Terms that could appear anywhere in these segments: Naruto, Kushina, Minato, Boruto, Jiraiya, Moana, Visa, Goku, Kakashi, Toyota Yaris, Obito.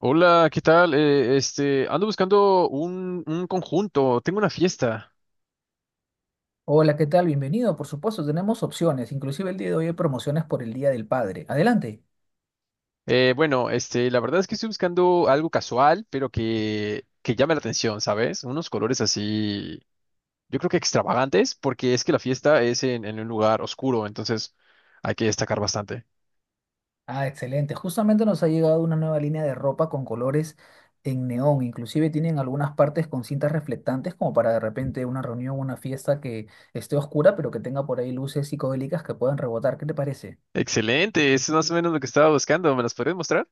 Hola, ¿qué tal? Ando buscando un conjunto, tengo una fiesta. Hola, ¿qué tal? Bienvenido. Por supuesto, tenemos opciones. Inclusive el día de hoy hay promociones por el Día del Padre. Adelante. Bueno, la verdad es que estoy buscando algo casual, pero que llame la atención, ¿sabes? Unos colores así, yo creo que extravagantes, porque es que la fiesta es en un lugar oscuro, entonces hay que destacar bastante. Ah, excelente. Justamente nos ha llegado una nueva línea de ropa con colores en neón. Inclusive tienen algunas partes con cintas reflectantes como para de repente una reunión o una fiesta que esté oscura, pero que tenga por ahí luces psicodélicas que puedan rebotar. ¿Qué te parece? Excelente, eso es más o menos lo que estaba buscando, ¿Me las podrías mostrar?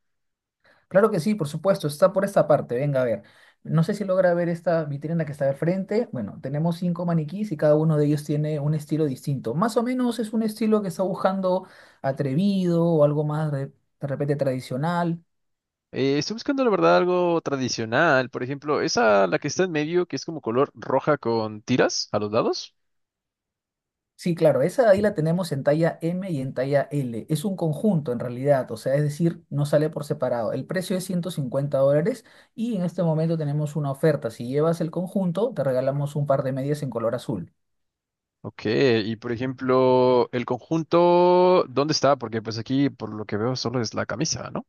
Claro que sí, por supuesto, está por esta parte. Venga a ver. No sé si logra ver esta vitrina que está al frente. Bueno, tenemos cinco maniquís y cada uno de ellos tiene un estilo distinto. Más o menos es un estilo que está buscando atrevido o algo más de repente tradicional. Estoy buscando, la verdad, algo tradicional, por ejemplo, esa, la que está en medio, que es como color roja con tiras a los lados. Sí, claro, esa de ahí la tenemos en talla M y en talla L. Es un conjunto en realidad, o sea, es decir, no sale por separado. El precio es $150 y en este momento tenemos una oferta. Si llevas el conjunto, te regalamos un par de medias en color azul. Ok, y por ejemplo, el conjunto, ¿dónde está? Porque pues aquí, por lo que veo, solo es la camisa, ¿no?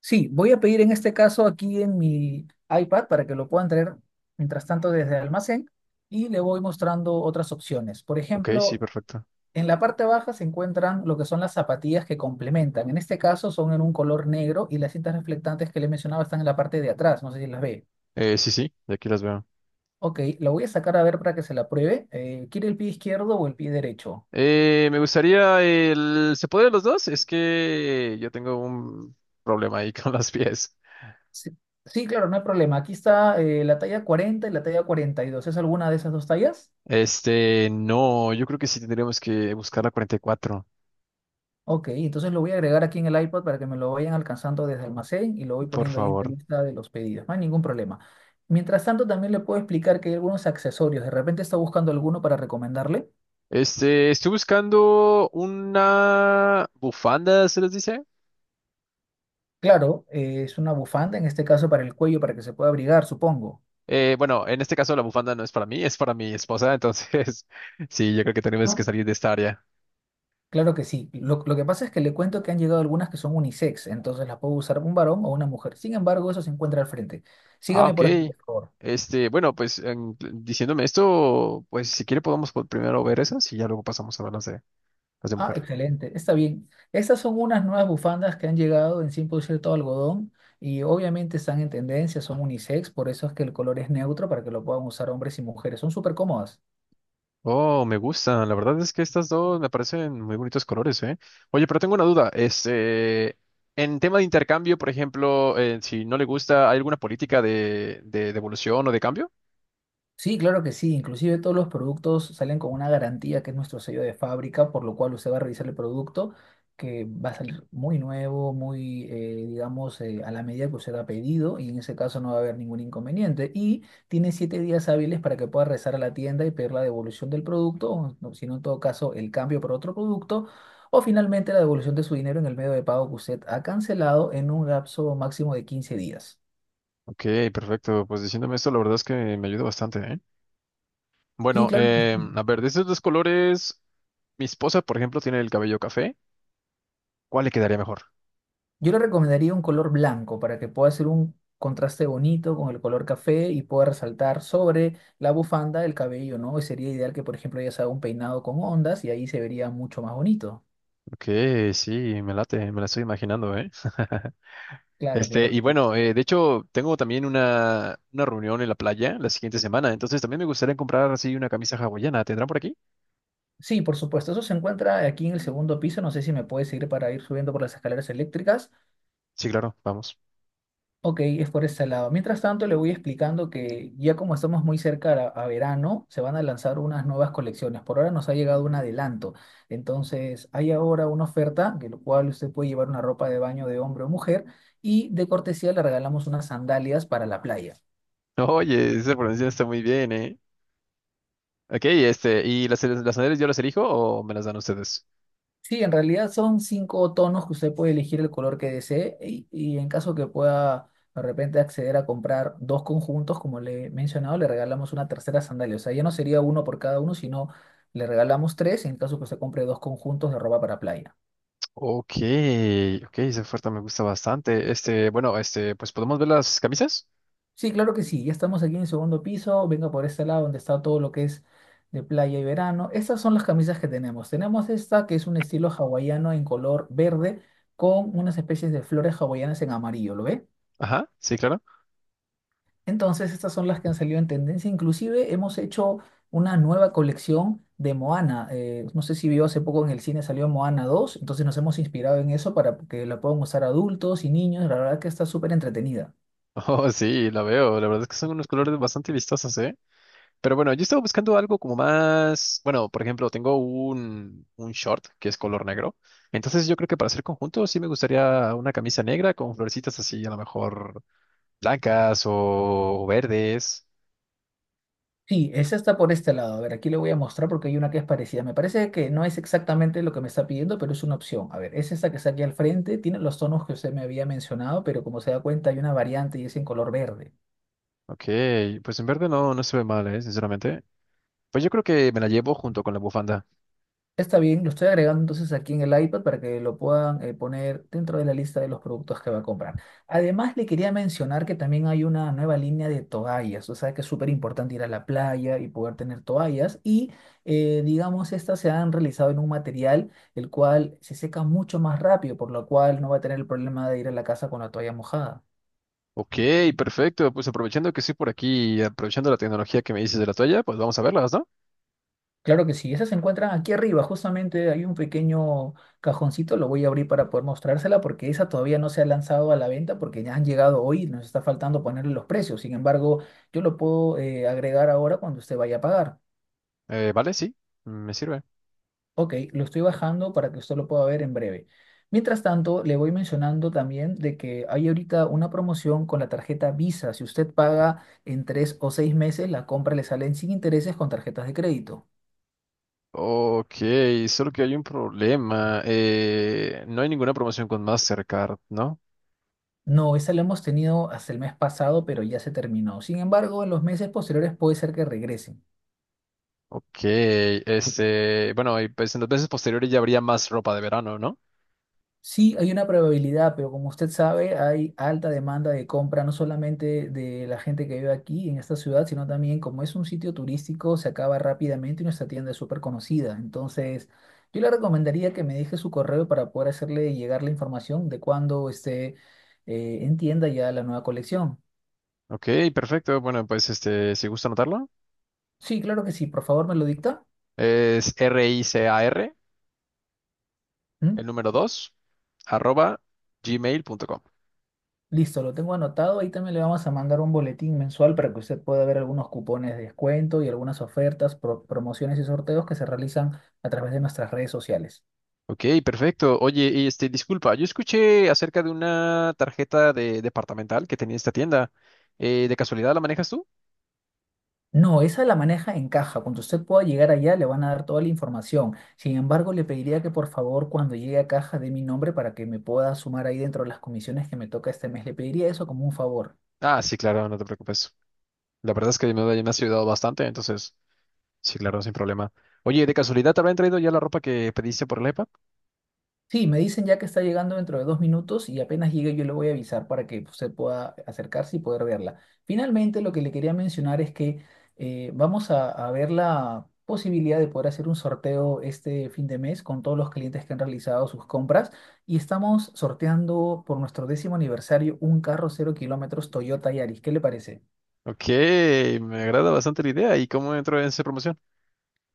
Sí, voy a pedir en este caso aquí en mi iPad para que lo puedan traer mientras tanto desde el almacén y le voy mostrando otras opciones. Por Ok, sí, ejemplo, perfecto. en la parte baja se encuentran lo que son las zapatillas que complementan. En este caso son en un color negro y las cintas reflectantes que le mencionaba están en la parte de atrás. No sé si las ve. Sí, sí, de aquí las veo. Ok, la voy a sacar a ver para que se la pruebe. ¿Quiere el pie izquierdo o el pie derecho? Me gustaría el. ¿Se puede los dos? Es que yo tengo un problema ahí con los pies. Sí, sí, claro, no hay problema. Aquí está la talla 40 y la talla 42. ¿Es alguna de esas dos tallas? No, yo creo que sí tendríamos que buscar la 44, Ok, entonces lo voy a agregar aquí en el iPad para que me lo vayan alcanzando desde almacén y lo voy por poniendo ahí en la favor. lista de los pedidos. No hay ningún problema. Mientras tanto, también le puedo explicar que hay algunos accesorios. De repente está buscando alguno para recomendarle. Estoy buscando una bufanda, ¿se les dice? Claro, es una bufanda, en este caso para el cuello, para que se pueda abrigar, supongo. Bueno, en este caso la bufanda no es para mí, es para mi esposa, entonces sí, yo creo que tenemos que ¿No? salir de esta área. Claro que sí. Lo que pasa es que le cuento que han llegado algunas que son unisex, entonces las puedo usar un varón o una mujer. Sin embargo, eso se encuentra al frente. Ah, Sígame ok. por aquí, por favor. Bueno, pues diciéndome esto, pues si quiere podemos primero ver esas y ya luego pasamos a ver las de Ah, mujer. excelente, está bien. Estas son unas nuevas bufandas que han llegado en 100% algodón y obviamente están en tendencia, son unisex, por eso es que el color es neutro para que lo puedan usar hombres y mujeres. Son súper cómodas. Oh, me gustan. La verdad es que estas dos me parecen muy bonitos colores, ¿eh? Oye, pero tengo una duda. En tema de intercambio, por ejemplo, si no le gusta, ¿hay alguna política de devolución o de cambio? Sí, claro que sí. Inclusive todos los productos salen con una garantía que es nuestro sello de fábrica, por lo cual usted va a revisar el producto que va a salir muy nuevo, muy, digamos, a la medida que usted ha pedido y en ese caso no va a haber ningún inconveniente. Y tiene 7 días hábiles para que pueda regresar a la tienda y pedir la devolución del producto, o no, si no, en todo caso, el cambio por otro producto. O finalmente la devolución de su dinero en el medio de pago que usted ha cancelado en un lapso máximo de 15 días. Ok, perfecto. Pues diciéndome esto, la verdad es que me ayuda bastante, ¿eh? Sí, Bueno, claro. A ver, de esos dos colores, mi esposa, por ejemplo, tiene el cabello café. ¿Cuál le quedaría mejor? Yo le recomendaría un color blanco para que pueda hacer un contraste bonito con el color café y pueda resaltar sobre la bufanda el cabello, ¿no? Y sería ideal que, por ejemplo, ella se haga un peinado con ondas y ahí se vería mucho más bonito. Ok, sí, me late, me la estoy imaginando, ¿eh? Claro, claro y que sí. bueno, de hecho, tengo también una reunión en la playa la siguiente semana, entonces también me gustaría comprar así una camisa hawaiana. ¿Tendrán por aquí? Sí, por supuesto. Eso se encuentra aquí en el segundo piso. No sé si me puedes seguir para ir subiendo por las escaleras eléctricas. Sí, claro, vamos. Ok, es por ese lado. Mientras tanto, le voy explicando que ya como estamos muy cerca a verano, se van a lanzar unas nuevas colecciones. Por ahora nos ha llegado un adelanto. Entonces, hay ahora una oferta, que lo cual usted puede llevar una ropa de baño de hombre o mujer, y de cortesía le regalamos unas sandalias para la playa. Oye, esa pronunciación está muy bien, ¿eh? Ok, ¿y las sandalias yo las elijo o me las dan ustedes? Sí, en realidad son cinco tonos que usted puede elegir el color que desee y en caso que pueda de repente acceder a comprar dos conjuntos, como le he mencionado, le regalamos una tercera sandalia. O sea, ya no sería uno por cada uno, sino le regalamos tres en caso que usted compre dos conjuntos de ropa para playa. Ok, ok, esa oferta me gusta bastante. Bueno, pues podemos ver las camisas. Sí, claro que sí, ya estamos aquí en el segundo piso, venga por este lado donde está todo lo que es de playa y verano. Estas son las camisas que tenemos. Tenemos esta que es un estilo hawaiano en color verde con unas especies de flores hawaianas en amarillo, ¿lo ve? Ajá, sí, claro. Entonces, estas son las que han salido en tendencia. Inclusive hemos hecho una nueva colección de Moana. No sé si vio hace poco en el cine salió Moana 2. Entonces nos hemos inspirado en eso para que la puedan usar adultos y niños. La verdad que está súper entretenida. Oh, sí, la veo. La verdad es que son unos colores bastante vistosos, ¿eh? Pero bueno, yo estaba buscando algo como más. Bueno, por ejemplo, tengo un short que es color negro. Entonces, yo creo que para hacer conjunto sí me gustaría una camisa negra con florecitas así, a lo mejor blancas o verdes. Sí, esa está por este lado. A ver, aquí le voy a mostrar porque hay una que es parecida. Me parece que no es exactamente lo que me está pidiendo, pero es una opción. A ver, es esta que está aquí al frente. Tiene los tonos que usted me había mencionado, pero como se da cuenta hay una variante y es en color verde. Ok, pues en verde no, no se ve mal, ¿eh? Sinceramente. Pues yo creo que me la llevo junto con la bufanda. Está bien, lo estoy agregando entonces aquí en el iPad para que lo puedan poner dentro de la lista de los productos que va a comprar. Además, le quería mencionar que también hay una nueva línea de toallas, o sea que es súper importante ir a la playa y poder tener toallas y digamos, estas se han realizado en un material el cual se seca mucho más rápido, por lo cual no va a tener el problema de ir a la casa con la toalla mojada. Ok, perfecto. Pues aprovechando que estoy por aquí, aprovechando la tecnología que me dices de la toalla, pues vamos a verlas, ¿no? Claro que sí, esa se encuentra aquí arriba, justamente hay un pequeño cajoncito, lo voy a abrir para poder mostrársela porque esa todavía no se ha lanzado a la venta porque ya han llegado hoy, nos está faltando ponerle los precios, sin embargo, yo lo puedo agregar ahora cuando usted vaya a pagar. Vale, sí, me sirve. Ok, lo estoy bajando para que usted lo pueda ver en breve. Mientras tanto, le voy mencionando también de que hay ahorita una promoción con la tarjeta Visa, si usted paga en 3 o 6 meses, la compra le sale en sin intereses con tarjetas de crédito. Ok, solo que hay un problema. No hay ninguna promoción con Mastercard, ¿no? No, esa la hemos tenido hasta el mes pasado, pero ya se terminó. Sin embargo, en los meses posteriores puede ser que regresen. Ok, bueno, y pues en las veces posteriores ya habría más ropa de verano, ¿no? Sí, hay una probabilidad, pero como usted sabe, hay alta demanda de compra, no solamente de la gente que vive aquí en esta ciudad, sino también como es un sitio turístico, se acaba rápidamente y nuestra tienda es súper conocida. Entonces, yo le recomendaría que me deje su correo para poder hacerle llegar la información de cuándo esté en tienda ya la nueva colección. Ok, perfecto. Bueno, pues si gusta anotarlo, Sí, claro que sí, por favor me lo dicta. es r i c a r, ¿Mm? el número dos, arroba gmail.com. Listo, lo tengo anotado. Ahí también le vamos a mandar un boletín mensual para que usted pueda ver algunos cupones de descuento y algunas ofertas, promociones y sorteos que se realizan a través de nuestras redes sociales. Ok, perfecto. Oye, y disculpa, yo escuché acerca de una tarjeta de departamental que tenía esta tienda. ¿De casualidad la manejas tú? No, esa la maneja en caja. Cuando usted pueda llegar allá, le van a dar toda la información. Sin embargo, le pediría que por favor, cuando llegue a caja, dé mi nombre para que me pueda sumar ahí dentro de las comisiones que me toca este mes. Le pediría eso como un favor. Ah, sí, claro, no te preocupes. La verdad es que me has ayudado bastante, entonces, sí, claro, sin problema. Oye, ¿de casualidad te habrán traído ya la ropa que pediste por el iPad? Sí, me dicen ya que está llegando dentro de 2 minutos y apenas llegue yo le voy a avisar para que usted pueda acercarse y poder verla. Finalmente, lo que le quería mencionar es que vamos a ver la posibilidad de poder hacer un sorteo este fin de mes con todos los clientes que han realizado sus compras y estamos sorteando por nuestro décimo aniversario un carro 0 kilómetros Toyota Yaris. ¿Qué le parece? Ok, me agrada bastante la idea. ¿Y cómo entró en esa promoción?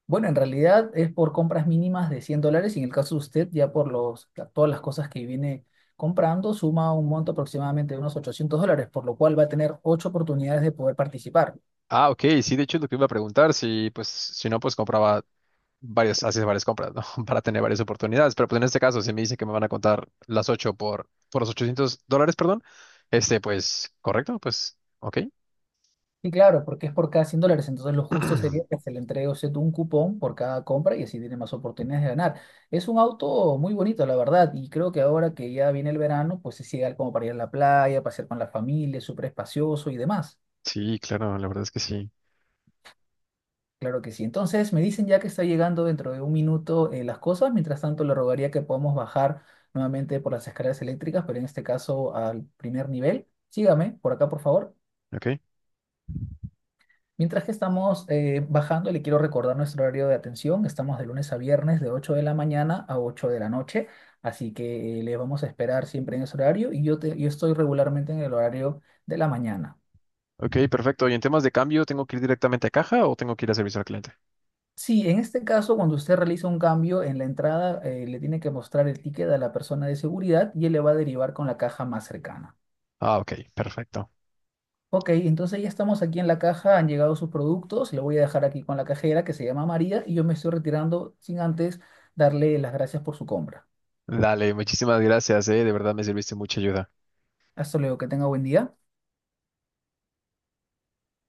Bueno, en realidad es por compras mínimas de $100 y en el caso de usted ya por todas las cosas que viene comprando suma un monto aproximadamente de unos $800, por lo cual va a tener ocho oportunidades de poder participar. Ah, ok, sí, de hecho es lo que iba a preguntar, si pues, si no, pues compraba varios, haces varias compras, ¿no? Para tener varias oportunidades. Pero pues en este caso, si me dicen que me van a contar las 8 por los 800 dólares, perdón, pues, correcto, pues, ok. Y claro, porque es por cada $100, entonces lo justo sería que se le entregue a usted un cupón por cada compra y así tiene más oportunidades de ganar. Es un auto muy bonito, la verdad, y creo que ahora que ya viene el verano, pues es ideal como para ir a la playa, pasear con la familia, es súper espacioso y demás. Sí, claro, la verdad es que sí. Claro que sí. Entonces me dicen ya que está llegando dentro de 1 minuto las cosas. Mientras tanto, le rogaría que podamos bajar nuevamente por las escaleras eléctricas, pero en este caso al primer nivel. Sígame por acá, por favor. Ok, Mientras que estamos bajando, le quiero recordar nuestro horario de atención. Estamos de lunes a viernes de 8 de la mañana a 8 de la noche. Así que le vamos a esperar siempre en ese horario y yo estoy regularmente en el horario de la mañana. ok, perfecto. ¿Y en temas de cambio, tengo que ir directamente a caja o tengo que ir a servicio al cliente? Sí, en este caso, cuando usted realiza un cambio en la entrada, le tiene que mostrar el ticket a la persona de seguridad y él le va a derivar con la caja más cercana. Ah, ok, perfecto. Ok, entonces ya estamos aquí en la caja, han llegado sus productos, le voy a dejar aquí con la cajera que se llama María y yo me estoy retirando sin antes darle las gracias por su compra. Dale, muchísimas gracias, eh. De verdad me serviste mucha ayuda. Hasta luego, que tenga buen día.